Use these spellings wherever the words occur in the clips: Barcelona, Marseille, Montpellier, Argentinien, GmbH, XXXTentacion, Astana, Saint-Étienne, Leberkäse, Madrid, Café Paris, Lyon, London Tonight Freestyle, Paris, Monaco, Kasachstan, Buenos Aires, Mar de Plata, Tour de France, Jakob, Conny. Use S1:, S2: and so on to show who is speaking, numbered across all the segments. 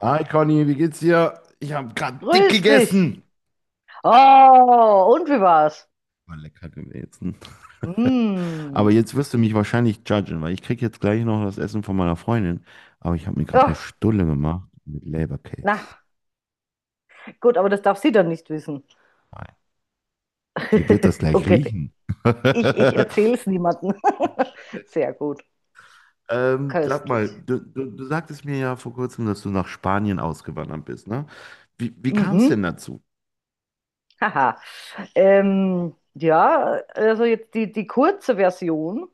S1: Hi Conny, wie geht's dir? Ich habe gerade dick
S2: Grüß dich.
S1: gegessen.
S2: Oh, und wie war's?
S1: War lecker gewesen. Aber
S2: Hm.
S1: jetzt wirst du mich wahrscheinlich judgen, weil ich krieg jetzt gleich noch das Essen von meiner Freundin. Aber ich habe mir gerade eine
S2: Ja,
S1: Stulle gemacht mit Leberkäse.
S2: na, gut, aber das darf sie dann nicht wissen.
S1: Nein, die wird das gleich
S2: Okay,
S1: riechen.
S2: ich erzähle es niemandem. Sehr gut,
S1: Sag mal,
S2: köstlich.
S1: du sagtest mir ja vor kurzem, dass du nach Spanien ausgewandert bist, ne? Wie kam es denn
S2: Mhm.
S1: dazu?
S2: Haha. Ähm, ja, also jetzt die kurze Version.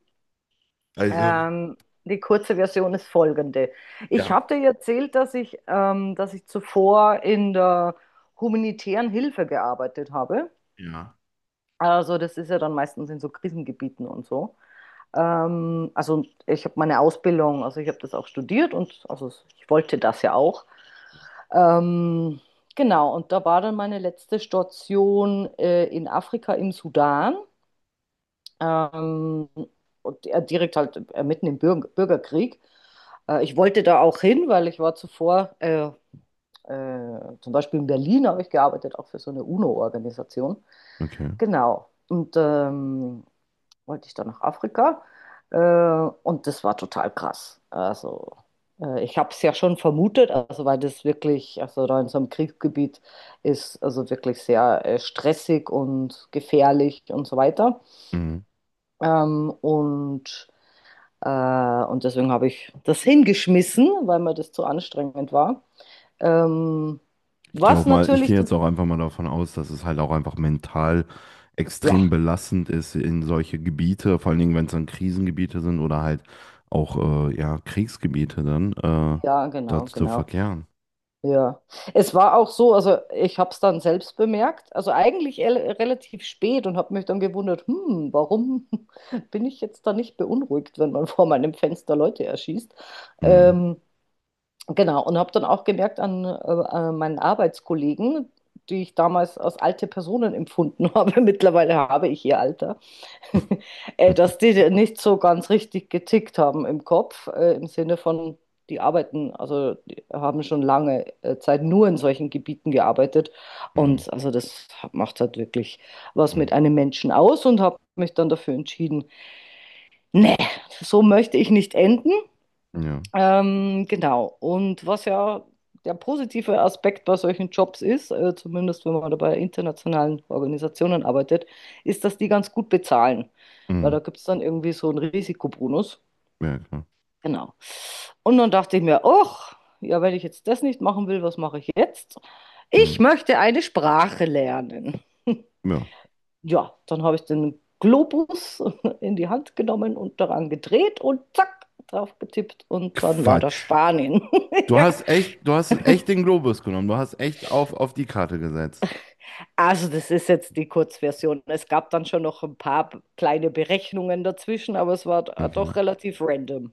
S1: Also,
S2: Ähm, die kurze Version ist folgende. Ich
S1: ja.
S2: habe dir erzählt, dass ich zuvor in der humanitären Hilfe gearbeitet habe.
S1: Ja.
S2: Also das ist ja dann meistens in so Krisengebieten und so. Also ich habe meine Ausbildung, also ich habe das auch studiert und also ich wollte das ja auch. Ähm, genau, und da war dann meine letzte Station in Afrika im Sudan. Ähm, und direkt halt mitten im Bürgerkrieg. Ich wollte da auch hin, weil ich war zuvor, zum Beispiel in Berlin habe ich gearbeitet, auch für so eine UNO-Organisation.
S1: Okay.
S2: Genau. Und wollte ich dann nach Afrika. Äh, und das war total krass. Also, ich habe es ja schon vermutet, also weil das wirklich, also da in so einem Kriegsgebiet ist, also wirklich sehr stressig und gefährlich und so weiter.
S1: Mhm.
S2: Ähm, und, und deswegen habe ich das hingeschmissen, weil mir das zu anstrengend war. Ähm, was
S1: Ich
S2: natürlich,
S1: gehe jetzt auch einfach mal davon aus, dass es halt auch einfach mental extrem
S2: ja,
S1: belastend ist in solche Gebiete, vor allen Dingen, wenn es dann Krisengebiete sind oder halt auch ja, Kriegsgebiete dann,
S2: ja,
S1: dort
S2: genau,
S1: zu
S2: genau.
S1: verkehren.
S2: Ja, es war auch so, also ich habe es dann selbst bemerkt, also eigentlich relativ spät und habe mich dann gewundert, warum bin ich jetzt da nicht beunruhigt, wenn man vor meinem Fenster Leute erschießt?
S1: Mhm.
S2: Ähm, genau, und habe dann auch gemerkt an, an meinen Arbeitskollegen, die ich damals als alte Personen empfunden habe, mittlerweile habe ich ihr Alter. Dass die nicht so ganz richtig getickt haben im Kopf, im Sinne von, die arbeiten, also die haben schon lange Zeit nur in solchen Gebieten gearbeitet.
S1: Mhm.
S2: Und also das macht halt wirklich was mit
S1: Mhm.
S2: einem Menschen aus und habe mich dann dafür entschieden, nee, so möchte ich nicht enden.
S1: Ja.
S2: Genau. Und was ja der positive Aspekt bei solchen Jobs ist, zumindest wenn man da bei internationalen Organisationen arbeitet, ist, dass die ganz gut bezahlen. Weil
S1: Mhm.
S2: da gibt es dann irgendwie so einen Risikobonus.
S1: Ja, klar.
S2: Genau. Und dann dachte ich mir, ach, ja, wenn ich jetzt das nicht machen will, was mache ich jetzt?
S1: Mhm.
S2: Ich möchte eine Sprache lernen.
S1: Ja.
S2: Ja, dann habe ich den Globus in die Hand genommen und daran gedreht und zack, drauf getippt und dann war das
S1: Quatsch.
S2: Spanien.
S1: Du
S2: Ja,
S1: hast echt, du hast echt den Globus genommen. Du hast echt auf die Karte gesetzt.
S2: also das ist jetzt die Kurzversion. Es gab dann schon noch ein paar kleine Berechnungen dazwischen, aber es war
S1: Okay.
S2: doch relativ random.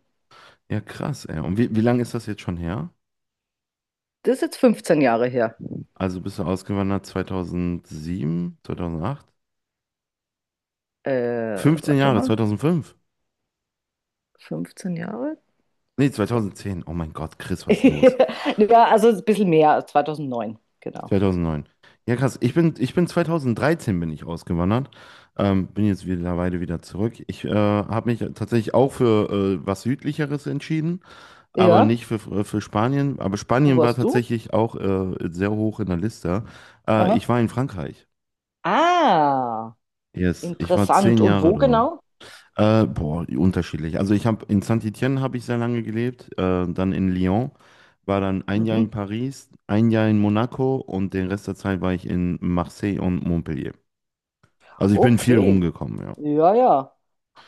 S1: Ja, krass, ey. Und wie lange ist das jetzt schon her?
S2: Das ist jetzt 15 Jahre her.
S1: Also bist du ausgewandert 2007, 2008? 15
S2: Warte
S1: Jahre,
S2: mal,
S1: 2005?
S2: 15 Jahre?
S1: Nee,
S2: So.
S1: 2010. Oh mein Gott, Chris, was ist los?
S2: Ja, also ein bisschen mehr, 2009, genau.
S1: 2009. Ja, krass. Ich bin 2013 bin ich ausgewandert. Bin jetzt mittlerweile wieder zurück. Ich habe mich tatsächlich auch für was Südlicheres entschieden, aber
S2: Ja,
S1: nicht für Spanien. Aber
S2: wo
S1: Spanien war
S2: warst du?
S1: tatsächlich auch sehr hoch in der Liste. Ich
S2: Aha.
S1: war in Frankreich.
S2: Ah,
S1: Yes, ich war
S2: interessant.
S1: zehn
S2: Und
S1: Jahre
S2: wo
S1: dort.
S2: genau?
S1: Boah, unterschiedlich. Also ich habe in Saint-Étienne habe ich sehr lange gelebt, dann in Lyon, war dann ein Jahr in
S2: Mhm.
S1: Paris, ein Jahr in Monaco und den Rest der Zeit war ich in Marseille und Montpellier. Also ich bin viel
S2: Okay.
S1: rumgekommen, ja.
S2: Ja, ja.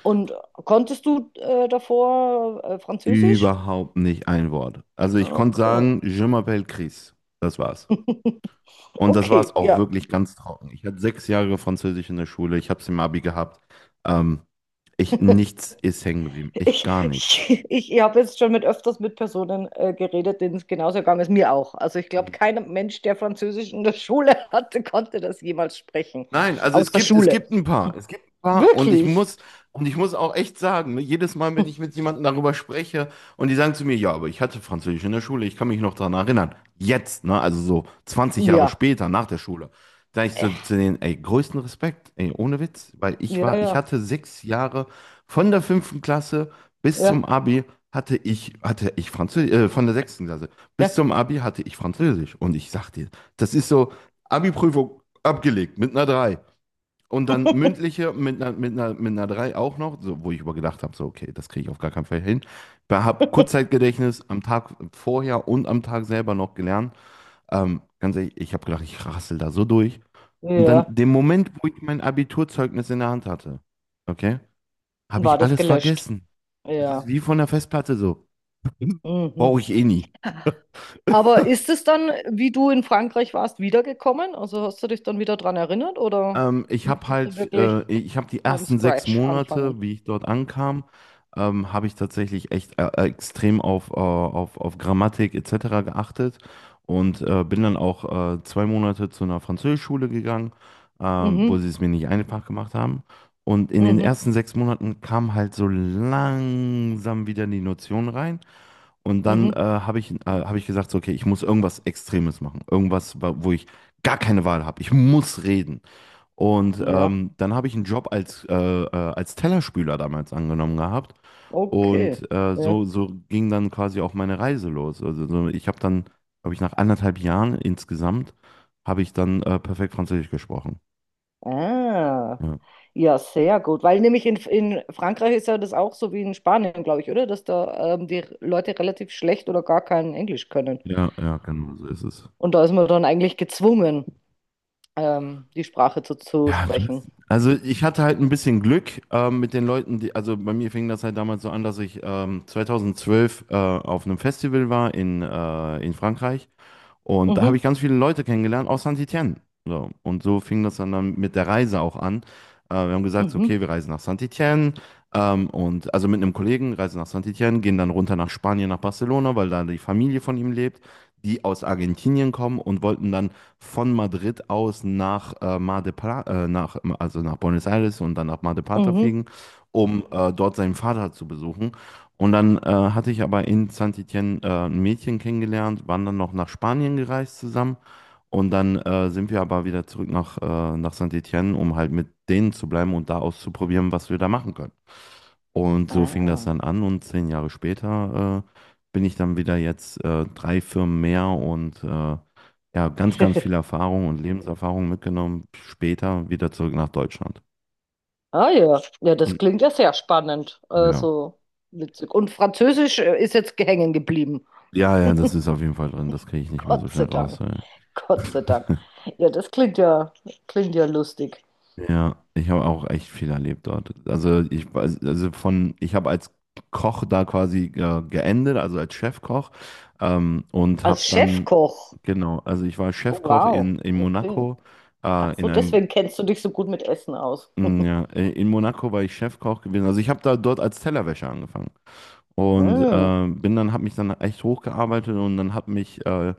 S2: Und konntest du davor Französisch?
S1: Überhaupt nicht ein Wort. Also ich konnte
S2: Okay.
S1: sagen, Je m'appelle Chris. Das war's. Und das war's
S2: Okay,
S1: auch
S2: ja.
S1: wirklich ganz trocken. Ich hatte 6 Jahre Französisch in der Schule, ich habe es im Abi gehabt. Ähm, Nichts ist hängen geblieben. Ich
S2: Ich,
S1: gar nichts.
S2: ich, ich habe jetzt schon mit öfters mit Personen geredet, denen es genauso gegangen ist, mir auch. Also ich glaube, kein Mensch, der Französisch in der Schule hatte, konnte das jemals sprechen.
S1: Nein, also
S2: Aus
S1: es
S2: der
S1: gibt,
S2: Schule.
S1: ein paar. Es gibt ein paar und ich
S2: Wirklich?
S1: muss, und ich muss auch echt sagen, ne, jedes Mal, wenn ich mit jemandem darüber spreche und die sagen zu mir, ja, aber ich hatte Französisch in der Schule, ich kann mich noch daran erinnern. Jetzt, ne, also so 20 Jahre
S2: Ja.
S1: später, nach der Schule, da ich
S2: Äh,
S1: zu denen, ey, größten Respekt, ey, ohne Witz, weil ich
S2: Ja,
S1: war, ich
S2: ja,
S1: hatte sechs Jahre von der fünften Klasse bis zum
S2: ja,
S1: Abi hatte ich Französisch, von der sechsten Klasse bis
S2: ja.
S1: zum Abi hatte ich Französisch. Und ich sag dir, das ist so, Abi-Prüfung abgelegt, mit einer drei. Und dann mündliche mit einer 3 auch noch, so, wo ich übergedacht habe, so, okay, das kriege ich auf gar keinen Fall hin. Ich habe Kurzzeitgedächtnis am Tag vorher und am Tag selber noch gelernt. Ganz ehrlich, ich habe gedacht, ich rassel da so durch. Und dann,
S2: Ja.
S1: den Moment, wo ich mein Abiturzeugnis in der Hand hatte, okay, habe
S2: War
S1: ich
S2: das
S1: alles
S2: gelöscht?
S1: vergessen. Das ist
S2: Ja.
S1: wie von der Festplatte so.
S2: Mhm.
S1: Brauche ich eh nie.
S2: Aber ist es dann, wie du in Frankreich warst, wiedergekommen? Also hast du dich dann wieder dran erinnert oder musstest du wirklich
S1: Ich habe die
S2: from
S1: ersten sechs
S2: scratch anfangen?
S1: Monate, wie ich dort ankam, habe ich tatsächlich echt extrem auf Grammatik etc. geachtet und bin dann auch 2 Monate zu einer Französischschule gegangen, wo
S2: Mhm,
S1: sie es mir nicht einfach gemacht haben. Und in den
S2: mhm,
S1: ersten 6 Monaten kam halt so langsam wieder die Notion rein. Und dann
S2: mhm.
S1: hab ich gesagt, so, okay, ich muss irgendwas Extremes machen. Irgendwas, wo ich gar keine Wahl habe. Ich muss reden. Und
S2: Ja,
S1: dann habe ich einen Job als Tellerspüler damals angenommen gehabt.
S2: okay.
S1: Und
S2: Ja.
S1: so, so ging dann quasi auch meine Reise los. Also so, ich habe dann, glaube ich, nach anderthalb Jahren insgesamt, habe ich dann perfekt Französisch gesprochen.
S2: Ah,
S1: Ja,
S2: ja, sehr gut. Weil nämlich in Frankreich ist ja das auch so wie in Spanien, glaube ich, oder? Dass da die Leute relativ schlecht oder gar kein Englisch können.
S1: ja, ja, genau, so ist es.
S2: Und da ist man dann eigentlich gezwungen, die Sprache zu
S1: Ja, du
S2: sprechen.
S1: also ich hatte halt ein bisschen Glück mit den Leuten, die, also bei mir fing das halt damals so an, dass ich 2012 auf einem Festival war in Frankreich. Und da habe
S2: Mhm,
S1: ich ganz viele Leute kennengelernt aus Saint-Étienne. So. Und so fing das dann mit der Reise auch an. Wir haben gesagt, so,
S2: mhm,
S1: okay, wir reisen nach Saint-Étienne. Und also mit einem Kollegen reisen nach Saint-Étienne, gehen dann runter nach Spanien, nach Barcelona, weil da die Familie von ihm lebt, die aus Argentinien kommen und wollten dann von Madrid aus nach Mar de Plata, nach, also nach Buenos Aires und dann nach Mar de Plata
S2: mhm.
S1: fliegen, um dort seinen Vater zu besuchen. Und dann hatte ich aber in Saint-Étienne ein Mädchen kennengelernt, waren dann noch nach Spanien gereist zusammen. Und dann sind wir aber wieder zurück nach Saint-Étienne, um halt mit denen zu bleiben und da auszuprobieren, was wir da machen können. Und so fing das
S2: Ah.
S1: dann an und 10 Jahre später bin ich dann wieder jetzt drei Firmen mehr und ja, ganz, ganz viel Erfahrung und Lebenserfahrung mitgenommen, später wieder zurück nach Deutschland.
S2: Ah ja, ja,
S1: Mhm.
S2: das klingt ja sehr spannend.
S1: Ja.
S2: Also witzig. Und Französisch ist jetzt hängen geblieben.
S1: Ja, ja, das ist auf jeden Fall drin, das kriege ich nicht mehr so
S2: Gott
S1: schnell
S2: sei
S1: raus.
S2: Dank.
S1: Ey.
S2: Gott sei Dank. Ja, das klingt ja lustig.
S1: Ja, ich habe auch echt viel erlebt dort. Also ich weiß, also von, ich habe als Koch da quasi geendet, also als Chefkoch und habe
S2: Als
S1: dann,
S2: Chefkoch.
S1: genau, also ich war
S2: Oh,
S1: Chefkoch
S2: wow.
S1: in
S2: Okay.
S1: Monaco,
S2: Ach
S1: in
S2: so,
S1: einem,
S2: deswegen kennst du dich so gut mit Essen aus.
S1: ja, in Monaco war ich Chefkoch gewesen. Also ich habe da dort als Tellerwäscher angefangen und
S2: Hm.
S1: bin dann, habe mich dann echt hochgearbeitet und dann hat mich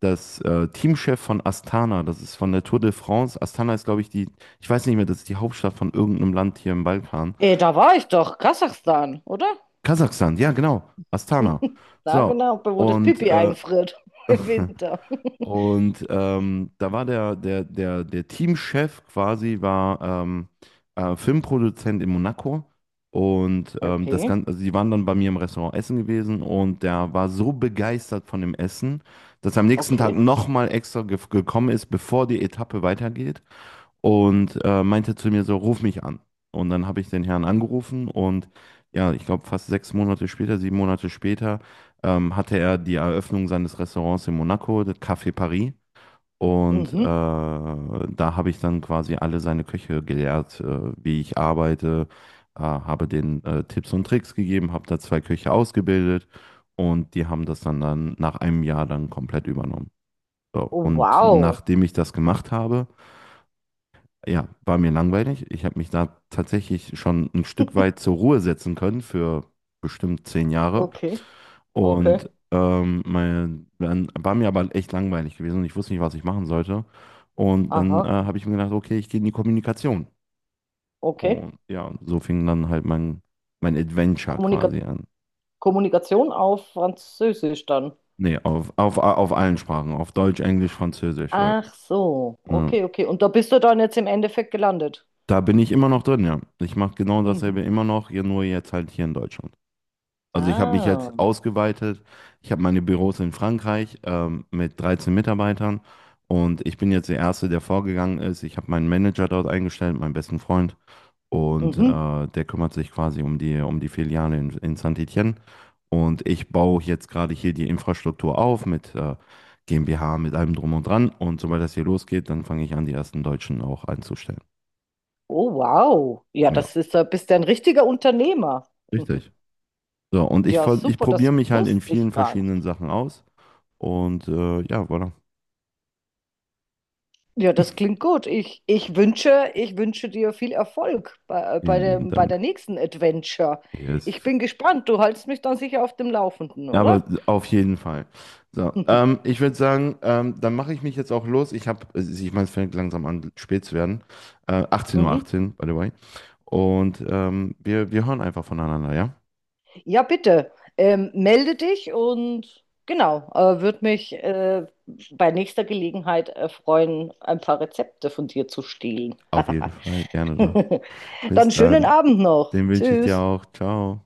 S1: das Teamchef von Astana, das ist von der Tour de France. Astana ist, glaube ich, die, ich weiß nicht mehr, das ist die Hauptstadt von irgendeinem Land hier im Balkan.
S2: Eh, da war ich doch. Kasachstan, oder?
S1: Kasachstan, ja, genau, Astana.
S2: Na
S1: So,
S2: genau, wo das
S1: und
S2: Pipi einfriert im Winter.
S1: und da war der Teamchef quasi, war Filmproduzent in Monaco. Und das
S2: Okay,
S1: Ganze, also die waren dann bei mir im Restaurant essen gewesen und der war so begeistert von dem Essen, dass er am nächsten Tag
S2: okay.
S1: nochmal extra ge gekommen ist, bevor die Etappe weitergeht und meinte zu mir so, ruf mich an. Und dann habe ich den Herrn angerufen und ja, ich glaube fast 6 Monate später, 7 Monate später, hatte er die Eröffnung seines Restaurants in Monaco, das Café Paris. Und
S2: Mhm.
S1: da habe ich dann quasi alle seine Köche gelehrt, wie ich arbeite, habe denen Tipps und Tricks gegeben, habe da zwei Köche ausgebildet und die haben das dann nach einem Jahr dann komplett übernommen. So,
S2: Oh,
S1: und
S2: wow.
S1: nachdem ich das gemacht habe, ja, war mir langweilig. Ich habe mich da tatsächlich schon ein Stück weit zur Ruhe setzen können für bestimmt 10 Jahre.
S2: Okay, okay.
S1: Und dann war mir aber echt langweilig gewesen und ich wusste nicht, was ich machen sollte. Und dann
S2: Aha,
S1: habe ich mir gedacht, okay, ich gehe in die Kommunikation.
S2: okay.
S1: Und ja, so fing dann halt mein Adventure
S2: Kommunika
S1: quasi an.
S2: Kommunikation auf Französisch dann.
S1: Nee, auf allen Sprachen, auf Deutsch, Englisch, Französisch. Ja.
S2: Ach so,
S1: Ja.
S2: okay, okay. Und da bist du dann jetzt im Endeffekt gelandet.
S1: Da bin ich immer noch drin, ja. Ich mache genau
S2: Mhm.
S1: dasselbe immer noch, hier nur jetzt halt hier in Deutschland. Also ich habe mich
S2: Ah,
S1: jetzt ausgeweitet. Ich habe meine Büros in Frankreich mit 13 Mitarbeitern und ich bin jetzt der Erste, der vorgegangen ist. Ich habe meinen Manager dort eingestellt, meinen besten Freund und
S2: mhm.
S1: der kümmert sich quasi um um die Filiale in Saint-Étienne. Und ich baue jetzt gerade hier die Infrastruktur auf mit GmbH, mit allem drum und dran. Und sobald das hier losgeht, dann fange ich an, die ersten Deutschen auch einzustellen.
S2: Oh, wow. Ja,
S1: Ja,
S2: das ist, da bist du ein richtiger Unternehmer.
S1: richtig. So, und
S2: Ja,
S1: ich
S2: super, das
S1: probiere mich halt in
S2: wusste
S1: vielen
S2: ich gar
S1: verschiedenen
S2: nicht.
S1: Sachen aus. Und ja, voilà.
S2: Ja, das klingt gut. Ich wünsche, ich wünsche dir viel Erfolg bei, bei
S1: Vielen lieben
S2: dem, bei der
S1: Dank.
S2: nächsten Adventure.
S1: Yes.
S2: Ich bin gespannt. Du hältst mich dann sicher auf dem Laufenden,
S1: Ja, aber
S2: oder?
S1: auf jeden Fall. So, ich würde sagen, dann mache ich mich jetzt auch los. Ich habe, ich meine, es fängt langsam an, spät zu werden. 18.18
S2: Mhm.
S1: Uhr, 18, by the way. Und wir hören einfach voneinander, ja?
S2: Ja, bitte. Melde dich und genau, würde mich bei nächster Gelegenheit freuen, ein paar Rezepte von dir zu stehlen.
S1: Auf jeden Fall, gerne doch. Bis
S2: Dann schönen
S1: dann.
S2: Abend noch.
S1: Den wünsche ich dir
S2: Tschüss.
S1: auch. Ciao.